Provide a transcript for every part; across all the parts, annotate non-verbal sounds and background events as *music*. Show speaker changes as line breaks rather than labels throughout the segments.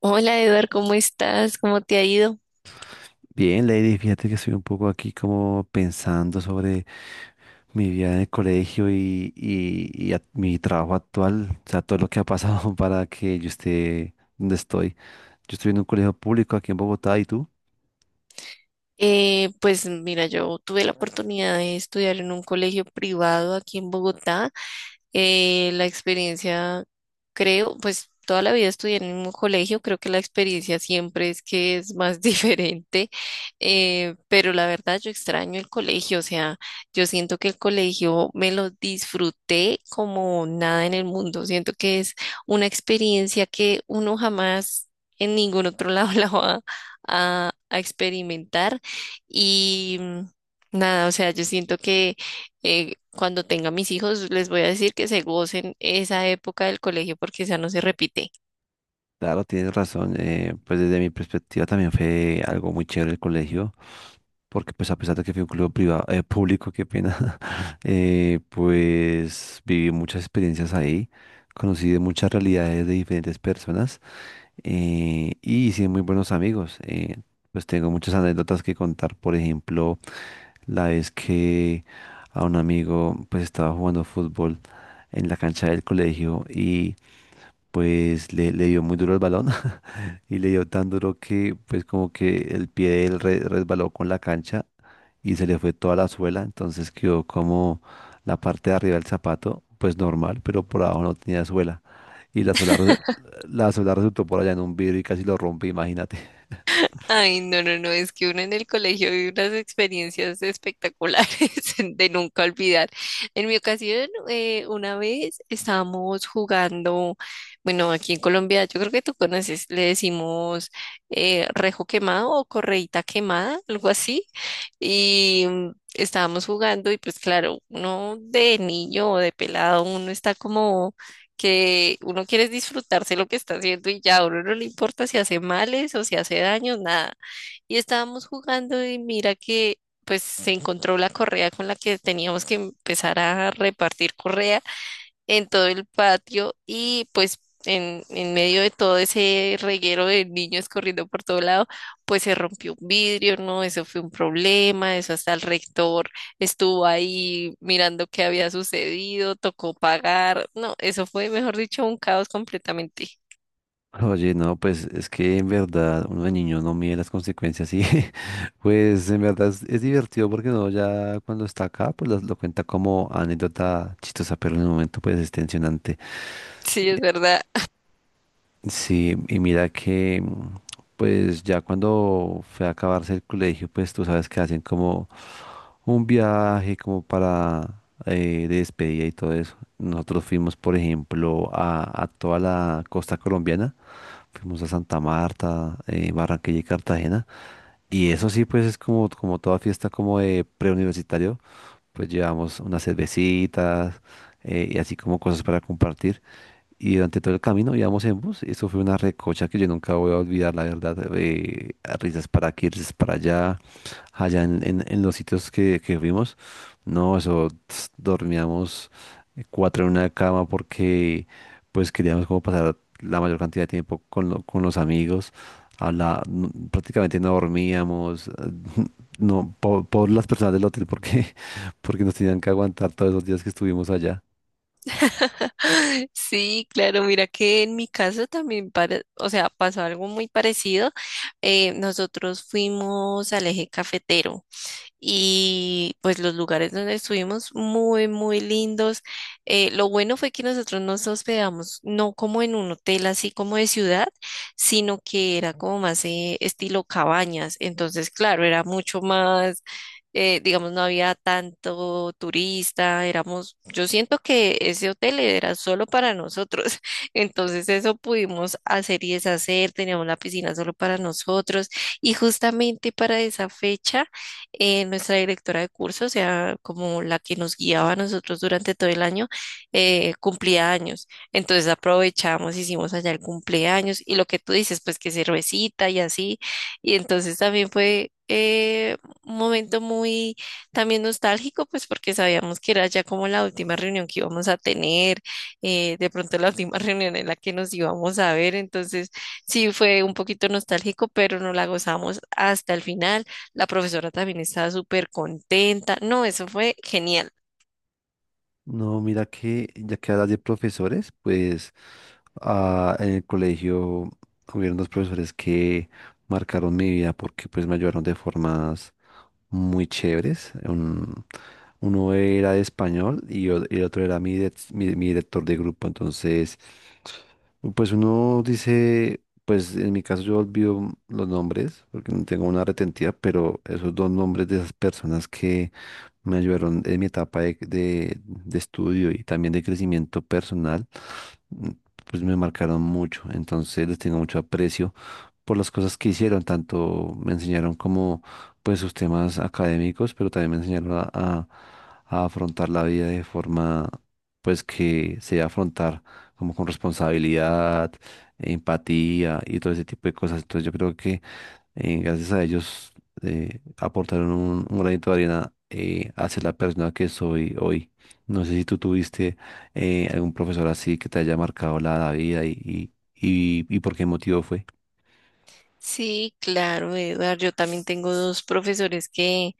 Hola Eduard, ¿cómo estás? ¿Cómo te ha ido?
Bien, Lady, fíjate que estoy un poco aquí como pensando sobre mi vida en el colegio y mi trabajo actual, o sea, todo lo que ha pasado *laughs* para que yo esté donde estoy. Yo estoy en un colegio público aquí en Bogotá y tú,
Pues mira, yo tuve la oportunidad de estudiar en un colegio privado aquí en Bogotá. La experiencia, creo, pues toda la vida estudié en el mismo colegio, creo que la experiencia siempre es que es más *laughs* diferente, pero la verdad yo extraño el colegio, o sea, yo siento que el colegio me lo disfruté como nada en el mundo, siento que es una experiencia que uno jamás en ningún otro lado *laughs* la va a experimentar y nada, o sea, yo siento que cuando tenga mis hijos, les voy a decir que se gocen esa época del colegio porque esa no se repite.
claro, tienes razón, pues desde mi perspectiva también fue algo muy chévere el colegio, porque pues a pesar de que fui un colegio privado, público, qué pena, *laughs* pues viví muchas experiencias ahí, conocí de muchas realidades de diferentes personas. Y hice muy buenos amigos. Pues tengo muchas anécdotas que contar. Por ejemplo, la vez que a un amigo pues estaba jugando fútbol en la cancha del colegio y pues le dio muy duro el balón *laughs* y le dio tan duro que pues como que el pie de él resbaló con la cancha y se le fue toda la suela, entonces quedó como la parte de arriba del zapato, pues normal, pero por abajo no tenía suela. Y la suela, la suela resultó por allá en un vidrio y casi lo rompe, imagínate.
Ay, no, no, no, es que uno en el colegio vive unas experiencias espectaculares *laughs* de nunca olvidar. En mi ocasión, una vez estábamos jugando, bueno, aquí en Colombia, yo creo que tú conoces, le decimos rejo quemado o correíta quemada, algo así, y estábamos jugando y pues claro, uno de niño o de pelado, uno está como que uno quiere es disfrutarse lo que está haciendo y ya, a uno no le importa si hace males o si hace daño, nada. Y estábamos jugando y mira que pues se encontró la correa con la que teníamos que empezar a repartir correa en todo el patio y pues en medio de todo ese reguero de niños corriendo por todo lado, pues se rompió un vidrio, ¿no? Eso fue un problema, eso hasta el rector estuvo ahí mirando qué había sucedido, tocó pagar, no, eso fue, mejor dicho, un caos completamente.
*laughs* Oye, no, pues es que en verdad uno de niño no mide las consecuencias y *laughs* pues en verdad es divertido porque uno ya cuando está acá pues cuenta como anécdota chistosa, pero en el momento pues es tensionante.
*laughs* Sí, es verdad.
Sí, y mira que, pues ya cuando fue a acabarse el colegio, pues tú sabes que hacen como un viaje como para de despedida y todo eso. Nosotros fuimos, por ejemplo, a toda la costa colombiana, fuimos a Santa Marta, Barranquilla y Cartagena. Y eso sí, pues es como, como toda fiesta como de preuniversitario, pues llevamos unas cervecitas y así como cosas para compartir. Y durante todo el camino íbamos en bus. Eso fue una recocha que yo nunca voy a olvidar, la verdad. Risas para aquí, risas para allá, allá en los sitios que fuimos. No, eso ts, dormíamos cuatro en una cama porque pues queríamos como pasar la mayor cantidad de tiempo con los amigos. Prácticamente no dormíamos, no, por las personas del hotel porque, *laughs* porque nos tenían que aguantar todos esos días que estuvimos allá.
*laughs* Sí, claro, mira que en mi caso también, o sea, pasó algo muy parecido. Nosotros fuimos al eje cafetero. Y pues los lugares donde estuvimos muy, muy lindos. Lo bueno fue que nosotros nos hospedamos no como en un hotel así como de ciudad, sino que era como más estilo cabañas. Entonces, claro, era mucho más digamos, no había tanto turista, éramos, yo siento que ese hotel era solo para nosotros, *laughs* entonces eso pudimos hacer y deshacer, teníamos la piscina solo para nosotros y justamente para esa fecha nuestra directora de curso, o sea, como la que nos guiaba a nosotros durante todo el año, cumplía años. Entonces aprovechamos, hicimos allá el cumpleaños y lo que tú dices, pues que cervecita y así. Y entonces también fue un momento muy también nostálgico, pues porque sabíamos que era ya como la última reunión que íbamos a tener, de pronto la última *laughs* reunión en la que nos íbamos a ver. Entonces sí fue un poquito nostálgico, pero nos la gozamos hasta el final. La profesora también estaba súper contenta. No, eso fue genial.
No, mira que ya que hablas de profesores, pues en el colegio hubieron dos profesores que marcaron mi vida porque pues me ayudaron de formas muy chéveres. Uno era de español y el otro era mi director de grupo. Entonces pues uno dice, pues en mi caso yo olvido los nombres porque no tengo una retentiva, pero esos dos nombres de esas personas que me ayudaron en mi etapa de estudio y también de crecimiento personal, mm, pues me marcaron mucho. Entonces les tengo mucho aprecio por las cosas que hicieron, tanto me enseñaron como pues sus temas académicos, pero también me enseñaron a afrontar la vida de forma pues que se debe afrontar como con responsabilidad, empatía y todo ese tipo de cosas. Entonces yo creo que gracias a ellos aportaron un granito de arena hacia la persona que soy hoy. No sé si tú tuviste algún profesor así que te haya marcado la vida y por qué motivo fue.
Sí, claro, Eduardo. Yo también tengo dos profesores que,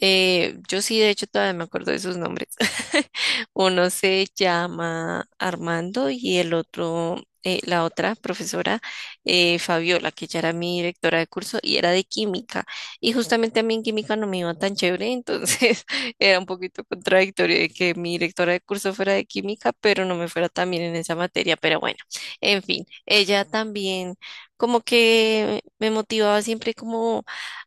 Yo sí, de hecho, todavía me acuerdo de sus nombres. *laughs* Uno se llama Armando y el otro, la otra profesora, Fabiola, que ya era mi directora de curso y era de química. Y justamente a mí en química no me iba tan chévere, entonces *laughs* era un poquito contradictorio de que mi directora de curso fuera de química, pero no me fuera tan bien en esa materia. Pero bueno, en fin, ella también como que me motivaba siempre como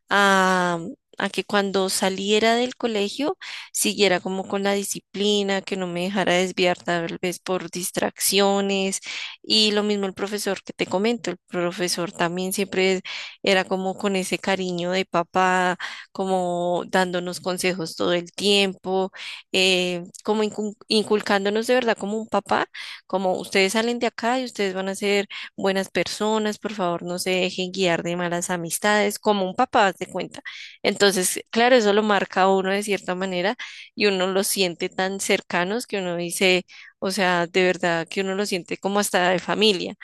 a que cuando saliera del colegio siguiera como con la disciplina, que no me dejara desviar tal vez por distracciones y lo mismo el profesor que te comento, el profesor también siempre era como con ese cariño de papá, como dándonos consejos todo el tiempo, como inculcándonos de verdad como un papá, como ustedes salen de acá y ustedes van a ser buenas personas, por favor no se dejen guiar de malas amistades, como un papá, haz de cuenta. Entonces, claro, eso lo marca a uno de cierta manera y uno los siente tan cercanos que uno dice, o sea, de verdad que uno lo siente como hasta de familia.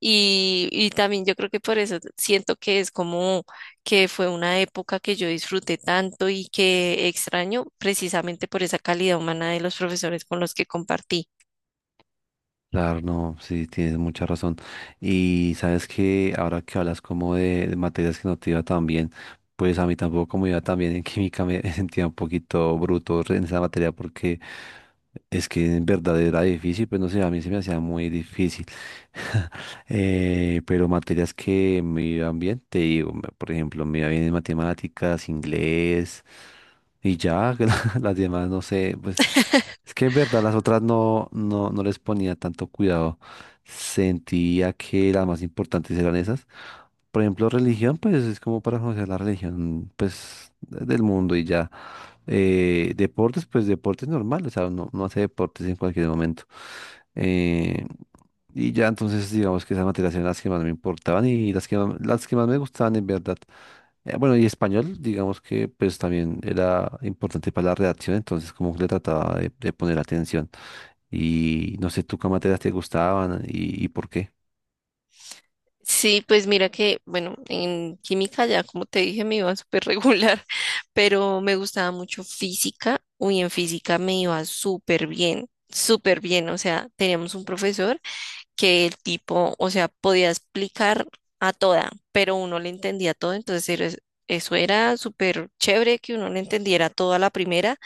Y también yo creo que por eso siento que es como que fue una época que yo disfruté tanto y que extraño precisamente por esa calidad humana de los profesores con los que compartí.
Claro, no, sí, tienes mucha razón. Y sabes que ahora que hablas como de materias que no te iba tan bien, pues a mí tampoco como iba tan bien en química me *laughs* sentía un poquito bruto en esa materia porque es que en verdad era difícil, pues no sé, a mí se me hacía muy difícil. *laughs* Pero materias que me iban bien, te digo, por ejemplo, me iba bien en matemáticas, inglés y ya, *laughs* las demás no sé, pues es que en verdad las otras no les ponía tanto cuidado. Sentía que las más importantes eran esas. Por ejemplo, religión, pues es como para conocer la religión, pues del mundo y ya. Deportes, pues deportes normal, o sea, uno hace deportes en cualquier momento. Eh, y ya entonces digamos que esas materias eran las que más me importaban y las que más me gustaban en verdad. Bueno, y español, digamos que pues también era importante para la redacción, entonces como que le trataba de poner atención. Y no sé tú qué materias te gustaban y por qué.
Sí, pues mira que, bueno, en química ya, como te dije, me iba súper regular, *laughs* pero me gustaba mucho física. Uy, en física me iba súper bien, súper bien. O sea, teníamos un profesor que el tipo, o sea, podía explicar a toda, pero uno le entendía todo, eso era súper chévere que uno le entendiera todo a la primera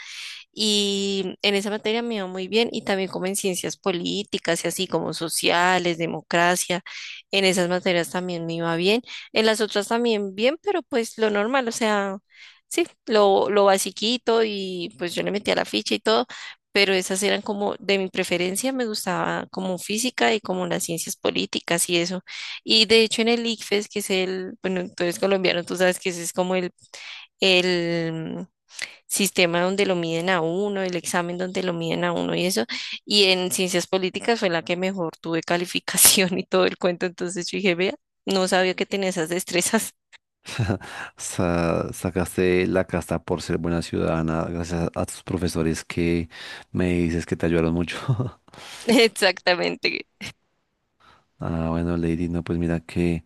y en esa materia me iba muy bien y también como en ciencias políticas y así como sociales, democracia, en esas materias también me iba bien, en las otras también bien, pero pues lo normal, o sea, sí, lo basiquito y pues yo le metía la ficha y todo, pero esas eran como de mi preferencia, me gustaba como física y como las ciencias políticas y eso. Y de hecho en el ICFES, que es el, bueno, tú eres colombiano, tú sabes que ese es como el sistema donde lo miden a uno, el examen donde lo miden a uno y eso. Y en ciencias políticas fue la que mejor tuve *laughs* calificación y todo el cuento. Entonces yo dije, vea, no sabía que tenía esas destrezas.
*laughs* Sacaste la casta por ser buena ciudadana gracias a tus profesores que me dices que te ayudaron mucho. *laughs*
*laughs* Exactamente,
Ah, bueno, Lady, no, pues mira que...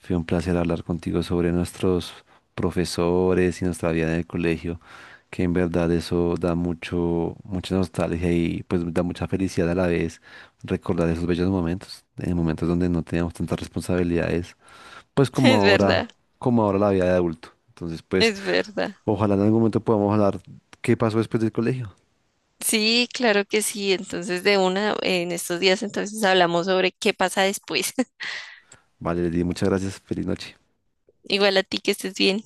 Fue un placer hablar contigo sobre nuestros profesores y nuestra vida en el colegio, que en verdad eso da mucho, mucha nostalgia y pues da mucha felicidad a la vez recordar esos bellos momentos, en momentos donde no teníamos tantas responsabilidades, pues
es verdad,
como ahora la vida de adulto. Entonces, pues
es verdad.
ojalá en algún momento podamos hablar qué pasó después del colegio.
Sí, claro que sí. Entonces de una, en estos días entonces hablamos sobre qué pasa después. *laughs*
Vale, Lady, muchas gracias. Feliz noche.
Igual a ti que estés bien.